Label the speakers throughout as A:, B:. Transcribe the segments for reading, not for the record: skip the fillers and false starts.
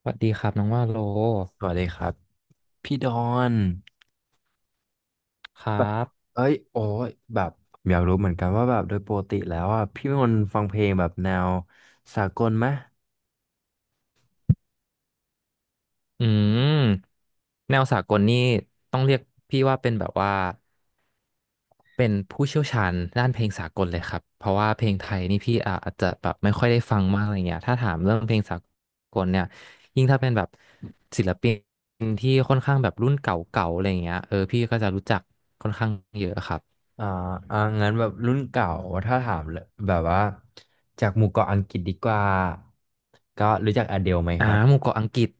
A: สวัสดีครับน้องว่าโล
B: สวัสดีครับพี่ดอน
A: ครั
B: แบบ
A: บ
B: เอ้ยโอ้ยแบบอยากรู้เหมือนกันว่าแบบโดยปกติแล้วอ่ะพี่เป็นคนฟังเพลงแบบแนวสากลไหม
A: อืมแนวสากลนี่ต้องเรียกพี่ว่าเป็นแบบว่าเป็นผู้เชี่ยวชาญด้านเพลงสากลเลยครับเพราะว่าเพลงไทยนี่พี่อาจจะแบบไม่ค่อยได้ฟังมากอะไรเงี้ยถ้าถามเรื่องเพลงสากลเนี่ยยิ่งถ้าเป็นแบบศิลปินที่ค่อนข้างแบบรุ่นเก่าๆอะไรเงี้ยเออพี่ก็จะรู้จักค่อนข้างเยอะครับ
B: อ่างั้นแบบรุ่นเก่าถ้าถามเลยแบบว่าจากหมู่เกาะอังกฤษดีกว่าก็รู้จักอเดลไหม
A: อ่า
B: ครับ
A: หมู่เกาะอังกฤษ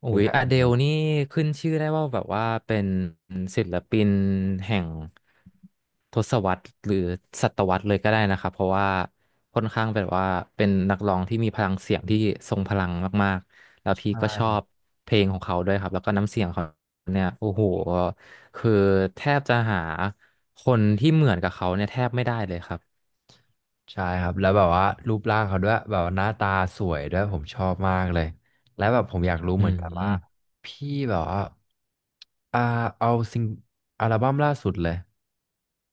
A: โอ้
B: รู้
A: ย
B: จัก
A: อ
B: อ
A: เด
B: เด
A: ล
B: ล
A: นี่ขึ้นชื่อได้ว่าแบบว่าเป็นศิลปินแห่งทศวรรษหรือศตวรรษเลยก็ได้นะครับเพราะว่าค่อนข้างแบบว่าเป็นนักร้องที่มีพลังเสียงที่ทรงพลังมากๆแล้วพี่ก็ชอบเพลงของเขาด้วยครับแล้วก็น้ำเสียงเขาเนี่ยโอ้โหคือแทบจะหาคนที่เหมือนกับเขาเนี่ยแทบไม่ได้เลยครับ
B: ใช่ครับแล้วแบบว่ารูปร่างเขาด้วยแบบว่าหน้าตาสวยด้วยผมชอบมากเลยและแบบผมอยากรู้
A: อื
B: เหมือนกันว่า
A: ม
B: พี่แบบว่าอ่าเอาซิงอัลบั้มล่าสุดเลย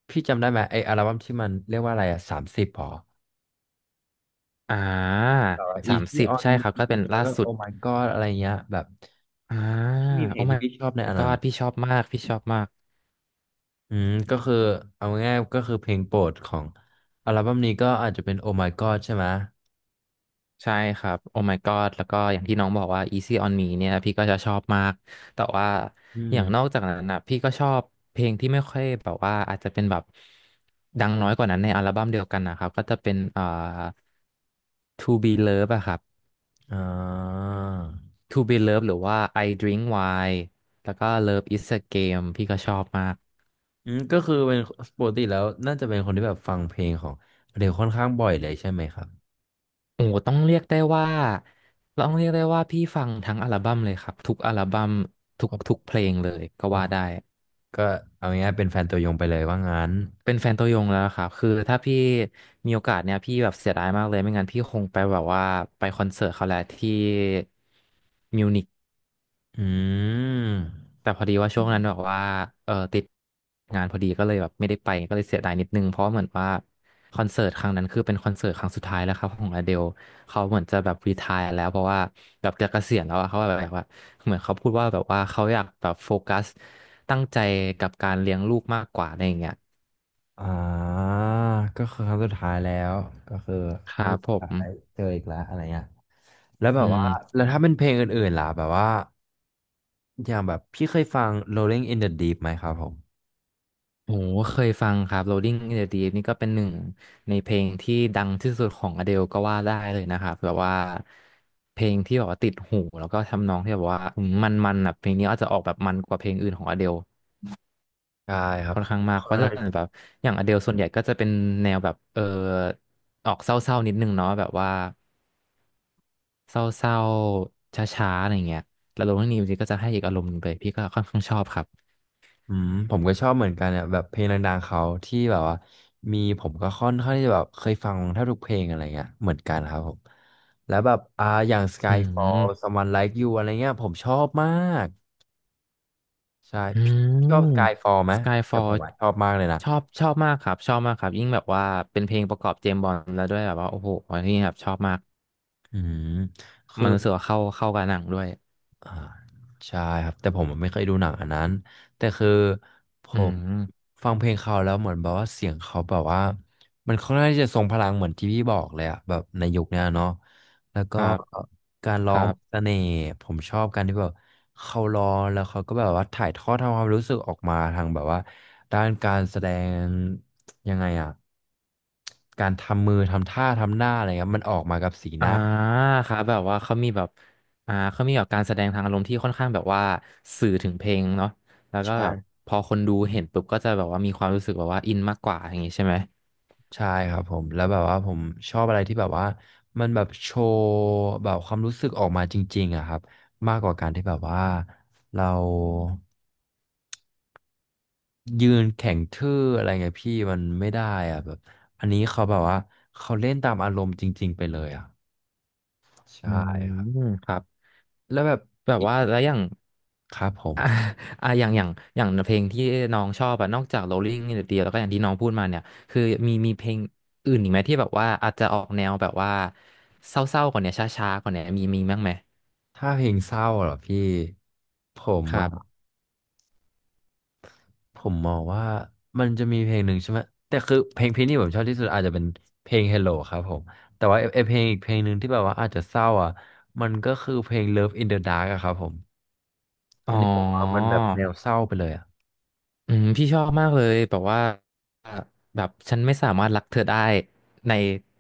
B: พี่จำได้ไหมไออัลบั้มที่มันเรียกว่าอะไรอะ30หรอ
A: อ่า
B: แบบว่า
A: สาม
B: Easy
A: สิบ
B: on
A: ใช่ครับก็
B: Me
A: เป็น
B: แล้ว
A: ล่า
B: ก็
A: สุด
B: Oh My God อะไรเงี้ยแบบ
A: อ่า
B: พี่มีเพล
A: โอ้
B: งที่
A: my
B: พี่ชอบในอันนั้น
A: god พี่ชอบมากพี่ชอบมาก
B: อืมก็คือเอาง่ายๆก็คือเพลงโปรดของอัลบั้มนี้ก็อาจจะเป็น Oh My God ใช่ไหม
A: ใช่ครับโอ้ my god แล้วก็อย่างที่น้องบอกว่า Easy on Me เนี่ยพี่ก็จะชอบมากแต่ว่า
B: อื
A: อย่างนอ
B: ม
A: กจากนั้นนะพี่ก็ชอบเพลงที่ไม่ค่อยแบบว่าอาจจะเป็นแบบดังน้อยกว่านั้นในอัลบั้มเดียวกันนะครับก็จะเป็นTo Be Love อะครับ
B: อ่า
A: To Be Love หรือว่า I Drink Wine แล้วก็ Love Is a Game พี่ก็ชอบมาก
B: อืมก็คือเป็นปกติแล้วน่าจะเป็นคนที่แบบฟังเพลงของเดลค่อนข้างบ่อยเลยใช่ไหมครับ
A: โอ้ต้องเรียกได้ว่าต้องเรียกได้ว่าพี่ฟังทั้งอัลบั้มเลยครับทุกอัลบั้มทุ
B: โอ
A: กทุก
B: ้
A: เพลงเลยก็
B: โห
A: ว่าได้
B: ก็เอาง่ายๆเป็นแฟนตัวยงไปเลยว่างั้น
A: เป็นแฟนตัวยงแล้วครับคือถ้าพี่มีโอกาสเนี่ยพี่แบบเสียดายมากเลยไม่งั้นพี่คงไปแบบว่าไปคอนเสิร์ตเขาแหละที่มิวนิก
B: อืม
A: แต่พอดีว่าช่วงนั้นแบบว่าติดงานพอดีก็เลยแบบไม่ได้ไปก็เลยเสียดายนิดนึงเพราะเหมือนว่าคอนเสิร์ตครั้งนั้นคือเป็นคอนเสิร์ตครั้งสุดท้ายแล้วครับของอเดลเขาเหมือนจะแบบรีไทร์แล้วเพราะว่าแบบจะเกษียณแล้วอะเขาแบบว่าเหมือนเขาพูดว่าแบบว่าเขาอยากแบบโฟกัสตั้งใจกับการเลี้ยงลูกมากกว่าอะไรอย่างเงี้ย
B: อ่าก็คือครั้งสุดท้ายแล้วก็คือ
A: ครั
B: ไม่
A: บผ
B: อยา
A: ม
B: กได้เจออีกแล้วอะไรเงี้ยแล้วแบ
A: อื
B: บว่า
A: ม
B: แล้วถ้าเป็นเพลงอื่นๆล่ะแบบว่าอย่างแบบพี่เคยฟัง Rolling in the Deep ไหมครับผม
A: โอ้โหเคยฟังครับ Rolling in the Deep นี่ก็เป็นหนึ่งในเพลงที่ดังที่สุดของ Adele ก็ว่าได้เลยนะครับแบบว่าเพลงที่แบบว่าติดหูแล้วก็ทำนองที่แบบว่าอืมันมันๆอ่ะเพลงนี้อาจจะออกแบบมันกว่าเพลงอื่นของ Adele
B: ได้ครับ
A: ค่อน
B: ผ
A: ข้างมากเพราะจะเป็น
B: ม
A: แบบอย่าง Adele ส่วนใหญ่ก็จะเป็นแนวแบบออกเศร้าๆนิดนึงเนาะแบบว่าเศร้าๆช้าๆอะไรเงี้ยแล้ว Rolling in the Deep ก็จะให้อีกอารมณ์หนึ่งไปพี่ก็ค่อนข้างชอบครับ
B: อืมผมก็ชอบเหมือนกันเนี่ยแบบเพลงดังๆเขาที่แบบว่ามีผมก็ค่อนข้างที่จะแบบเคยฟังแทบทุกเพลงอะไรเงี้ยเหมือนกันครับผมแล้วแบบอย่าง
A: อื
B: Skyfall
A: ม
B: Someone Like You อะไรเงี้ยผมชอบมากใช่
A: อื
B: พี่ชอ
A: ม
B: บ Skyfall ไหมแต่ผ
A: Skyfall
B: มอะชอบมากเลยนะ
A: ชอบมากครับชอบมากครับยิ่งแบบว่าเป็นเพลงประกอบเจมส์บอนด์แล้วด้วยแบบว่าโอ้โหอันนี้แบบชอบมาก
B: อืมคื
A: มั
B: อ
A: นรู้สึกว่าเข้ากับหนังด้วย
B: อ่าใช่ครับแต่ผมไม่เคยดูหนังอันนั้นแต่คือผ
A: อื
B: ม
A: ม
B: ฟังเพลงเขาแล้วเหมือนแบบว่าเสียงเขาแบบว่ามันค่อนข้างที่จะทรงพลังเหมือนที่พี่บอกเลยอะแบบในยุคเนี้ยเนาะแล้ว
A: ค
B: ก็
A: รับ
B: การ
A: ค
B: ร้อ
A: รั
B: ง
A: บ
B: เสน่ห์ผมชอบการที่แบบเขาร้องแล้วเขาก็แบบว่าถ่ายทอดทำความรู้สึกออกมาทางแบบว่าด้านการแสดงยังไงอะการทำมือทำท่าทำหน้าอะไรเงี้ยมันออกมากับสีห
A: อ่า
B: น้า
A: ครับแบบว่าเขามีแบบเขามีแบบการแสดงทางอารมณ์ที่ค่อนข้างแบบว่าสื่อถึงเพลงเนาะแล้วก็แบบ
B: ใช่
A: พอคนดูเห็นปุ๊บก็จะแบบว่ามีความรู้สึกแบบว่าอินมากกว่าอย่างงี้ใช่ไหม
B: ใช่ครับผมแล้วแบบว่าผมชอบอะไรที่แบบว่ามันแบบโชว์แบบความรู้สึกออกมาจริงๆอะครับมากกว่าการที่แบบว่าเรายืนแข็งทื่ออะไรเงี้ยพี่มันไม่ได้อะแบบอันนี้เขาแบบว่าเขาเล่นตามอารมณ์จริงๆไปเลยอะ
A: อื
B: ใช่ครับ
A: มครับ
B: แล้วแบบ
A: แบบ
B: อีก
A: ว่าแล้วอย่าง
B: ครับผม
A: อ่า อ่ะอย่างอย่างอย่างเพลงที่น้องชอบอะนอกจาก Rolling in the Deep แล้วก็อย่างที่น้องพูดมาเนี่ยคือมีเพลงอื่นอีกไหมที่แบบว่าอาจจะออกแนวแบบว่าเศร้าๆกว่าเนี้ยช้าๆกว่าเนี้ยมีบ้างไหม
B: ถ้าเพลงเศร้าเหรอพี่ผม
A: ครั
B: อะ
A: บ
B: ผมมองว่ามันจะมีเพลงหนึ่งใช่ไหมแต่คือเพลงพี่นี่ผมชอบที่สุดอาจจะเป็นเพลง Hello ครับผมแต่ว่าไอ้เพลงอีกเพลงหนึ่งที่แบบว่าอาจจะเศร้าอ่ะมันก็คือเพลง Love in the Dark อะครับผม
A: อ๋อ
B: อันนี้ผมว่ามันแบบแนวเศร้าไปเลยอะ
A: อืมพี่ชอบมากเลยแบบว่าแบบฉันไม่สามารถรักเธอได้ใน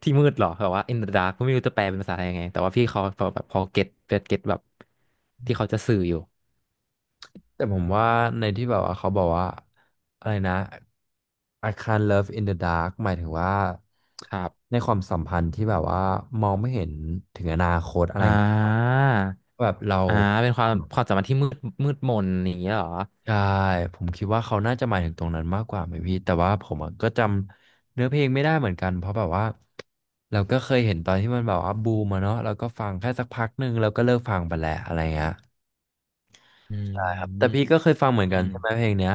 A: ที่มืดหรอแบบว่า in the dark ไม่รู้จะแปลเป็นภาษาไทยยังไงแต่ว่าพี่เขาแบบพอเก็ตแบบที่เขาจะสื่ออยู่
B: แต่ผมว่าในที่แบบว่าเขาบอกว่าอะไรนะ I can't love in the dark หมายถึงว่า
A: ครับ
B: ในความสัมพันธ์ที่แบบว่ามองไม่เห็นถึงอนาคตอะไร
A: อ่
B: อย่างเงี้ย
A: า
B: แบบเรา
A: อ่าเป็นความสัมพันธ์ที่มืดมนอย่างเงี้ยเหรอ
B: ใช่ผมคิดว่าเขาน่าจะหมายถึงตรงนั้นมากกว่าไหมพี่แต่ว่าผมอะก็จำเนื้อเพลงไม่ได้เหมือนกันเพราะแบบว่าเราก็เคยเห็นตอนที่มันแบบว่าบูมอะเนาะเราก็ฟังแค่สักพักหนึ่งแล้วก็เลิกฟังไปแหละอะไรเงี้ย
A: อื
B: ใช่ครับ
A: ม
B: แต่พี่ก็เคยฟังเหมือน
A: อื
B: กัน
A: ม
B: ใช่ไหมเพลงเนี้ย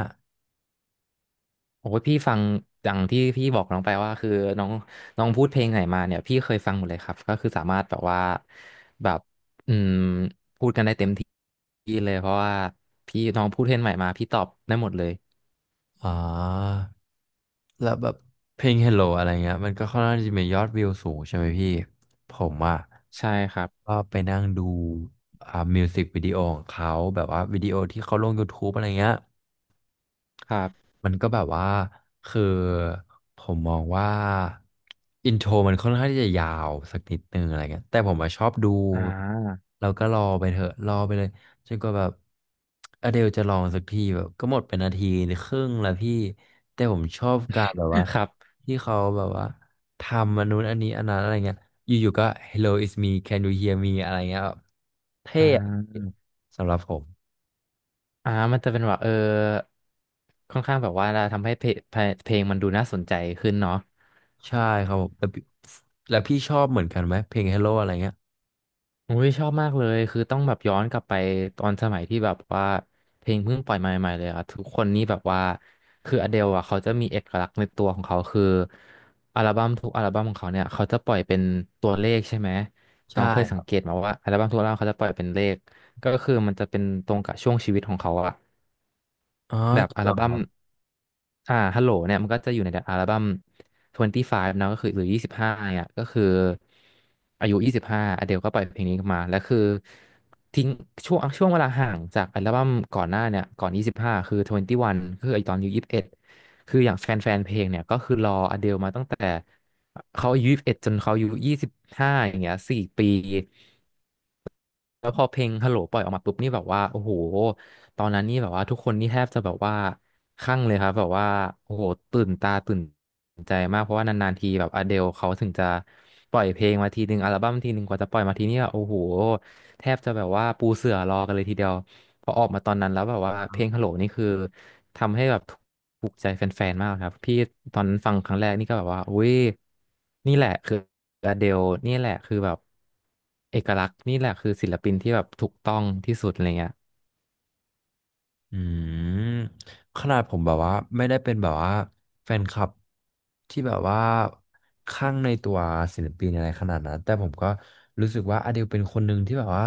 A: โอ้ยพี่ฟังอย่างที่พี่บอกน้องไปว่าคือน้องน้องพูดเพลงไหนมาเนี่ยพี่เคยฟังหมดเลยครับก็คือสามารถแบบว่าแบบอืมดีเลยเพราะว่าพี่น้องพูดเพลงใหม่มาพี่ตอบได้หมดเลย
B: อ่อแล้วแบบเพลง Hello อะไรเงี้ยมันก็ค่อนข้างจะมียอดวิวสูงใช่ไหมพี่ผมอ่ะ
A: ใช่ครับ
B: ก็ไปนั่งดูอ่ามิวสิกวิดีโอของเขาแบบว่าวิดีโอที่เขาลง YouTube อะไรเงี้ย
A: ครับ
B: มันก็แบบว่าคือผมมองว่าอินโทรมันค่อนข้างที่จะยาวสักนิดนึงอะไรเงี้ยแต่ผมอะชอบดู
A: อ่า
B: แล้วก็รอไปเถอะรอไปเลยจนกว่าแบบอเดลจะลองสักทีแบบก็หมดเป็นนาทีหรือครึ่งแล้วพี่แต่ผมชอบการแบบว่า
A: ครับ
B: ที่เขาแบบว่าทำอันนู้นอันนี้อันนั้นอะไรเงี้ยอยู่ๆก็ Hello it's me can you hear me อะไรเงี้ยแบบเท่
A: อ่
B: อะ
A: า
B: สำหรับผม
A: มันจะเป็นแบบค่อนข้างแบบว่าทำให้เพลงมันดูน่าสนใจขึ้นเนาะ
B: ใช่ครับผมแต่พี่แล้วพี่ชอบเหมือนกันไหมเพลง Hello อะไรเงี้ย
A: อุ้ยชอบมากเลยคือต้องแบบย้อนกลับไปตอนสมัยที่แบบว่าเพลงเพิ่งปล่อยมาใหม่ๆเลยอะทุกคนนี่แบบว่าคืออเดลอะเขาจะมีเอกลักษณ์ในตัวของเขาคืออัลบั้มทุกอัลบั้มของเขาเนี่ยเขาจะปล่อยเป็นตัวเลขใช่ไหมน้
B: ใช่
A: องเคย
B: ค
A: สั
B: รั
A: งเก
B: บ
A: ตมาว่าอัลบั้มทุกอัลบั้มเขาจะปล่อยเป็นเลขก็คือมันจะเป็นตรงกับช่วงชีวิตของเขาอะ
B: อ๋อ
A: แบบ
B: จริง
A: อั
B: เห
A: ล
B: รอค
A: บั้ม
B: รับ
A: ฮัลโหลเนี่ยมันก็จะอยู่ในอัลบั้ม25เนอะก็คือหรือ25เนี่ยก็คืออายุ 25อเดลก็ปล่อยเพลงนี้มาแล้วคือทิ้งช่วงเวลาห่างจากอัลบั้มก่อนหน้าเนี่ยก่อน 25คือ 21คือไอตอนอายุ21 คืออย่างแฟนเพลงเนี่ยก็คือรออเดลมาตั้งแต่เขาอายุ21จนเขาอายุ25อย่างเงี้ย4ปี แล้วพอเพลงฮัลโหลปล่อยออกมาปุ๊บนี่แบบว่าโอ้โหตอนนั้นนี่แบบว่าทุกคนนี่แทบจะแบบว่าคลั่งเลยครับแบบว่าโอ้โหตื่นตาตื่นใจมากเพราะว่านานๆทีแบบอเดลเขาถึงจะปล่อยเพลงมาทีนึงอัลบั้มทีนึงกว่าจะปล่อยมาทีนี่แบบโอ้โหแทบจะแบบว่าปูเสื่อรอกันเลยทีเดียวพอออกมาตอนนั้นแล้วแบบว่าเพลงฮัลโหลนี่คือ ทำให้แบบถูกใจแฟนๆมากครับพี่ตอนนั้นฟังครั้งแรกนี่ก็แบบว่าอุ้ยนี่แหละคืออเดลนี่แหละคือแบบเอกลักษณ์นี่แหละคือศิลปินที่แบบถูกต้องที่สุดอะไรเงี้ย
B: อืมขนาดผมแบบว่าไม่ได้เป็นแบบว่าแฟนคลับที่แบบว่าข้างในตัวศิลปินอะไรขนาดนั้นแต่ผมก็รู้สึกว่าอเดลเป็นคนหนึ่งที่แบบว่า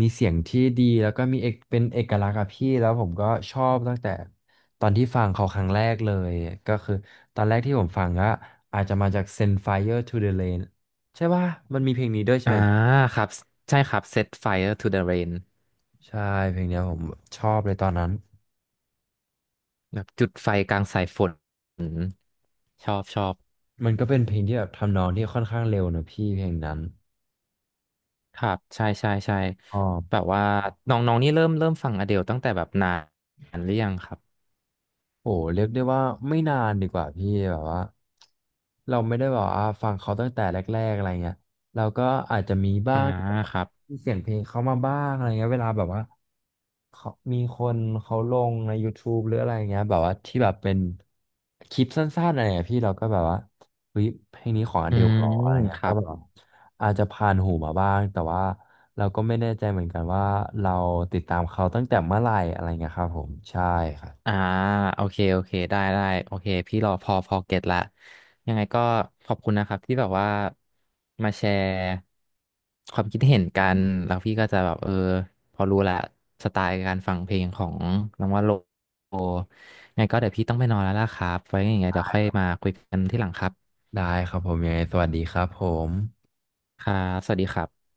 B: มีเสียงที่ดีแล้วก็มีเอกเป็นเอกลักษณ์อะพี่แล้วผมก็ชอบตั้งแต่ตอนที่ฟังเขาครั้งแรกเลยก็คือตอนแรกที่ผมฟังก็อาจจะมาจาก Send Fire to the Rain ใช่ป่ะมันมีเพลงนี้ด้วยใช่
A: อ่า
B: ไหม
A: ครับใช่ครับ Set Fire to the Rain
B: ใช่เพลงเนี้ยผมชอบเลยตอนนั้น
A: แบบจุดไฟกลางสายฝนอืมชอบชอบ
B: มันก็เป็นเพลงที่แบบทำนองที่ค่อนข้างเร็วนะพี่เพลงนั้น
A: ครับใช่ใช่ใช่
B: อ๋อ
A: แบบว่าน้องๆนี่เริ่มฟังอเดลตั้งแต่แบบนานหรือยังครับ
B: โอ้เรียกได้ว่าไม่นานดีกว่าพี่แบบว่าเราไม่ได้แบบว่าฟังเขาตั้งแต่แรกๆอะไรเงี้ยเราก็อาจจะมีบ้า
A: อ่า
B: งี
A: ครับ
B: มีเสียงเพลงเขามาบ้างอะไรเงี้ยเวลาแบบว่าเขามีคนเขาลงในยูทูบหรืออะไรเงี้ยแบบว่าที่แบบเป็นคลิปสั้นๆอะไรเงี้ยพี่เราก็แบบว่าเฮ้ยเพลงนี้ของอ
A: อื
B: เดลห
A: ม
B: รออะไรเงี้
A: ค
B: ย
A: รั
B: ก็
A: บ
B: แบบว่าอาจจะผ่านหูมาบ้างแต่ว่าเราก็ไม่แน่ใจเหมือนกันว่าเราติดตามเขาตั้งแต่เมื่อไหร่อะไรเงี้ยครับผมใช่ครั
A: อ่า
B: บ
A: โอเคโอเคได้ได้โอเคพี่รอพอพอเก็ตละยังไงก็ขอบคุณนะครับที่แบบว่ามาแชร์ความคิดเห็นกันแล้วพี่ก็จะแบบพอรู้ละสไตล์การฟังเพลงของน้องว่าโลยังไงก็เดี๋ยวพี่ต้องไปนอนแล้วล่ะครับไว้ยังไงเดี๋ยวค่อยมาคุยกันที่หลังครับ
B: ได้ครับผมยังไงสวัสดีครับผม
A: ครับสวัสดีครับ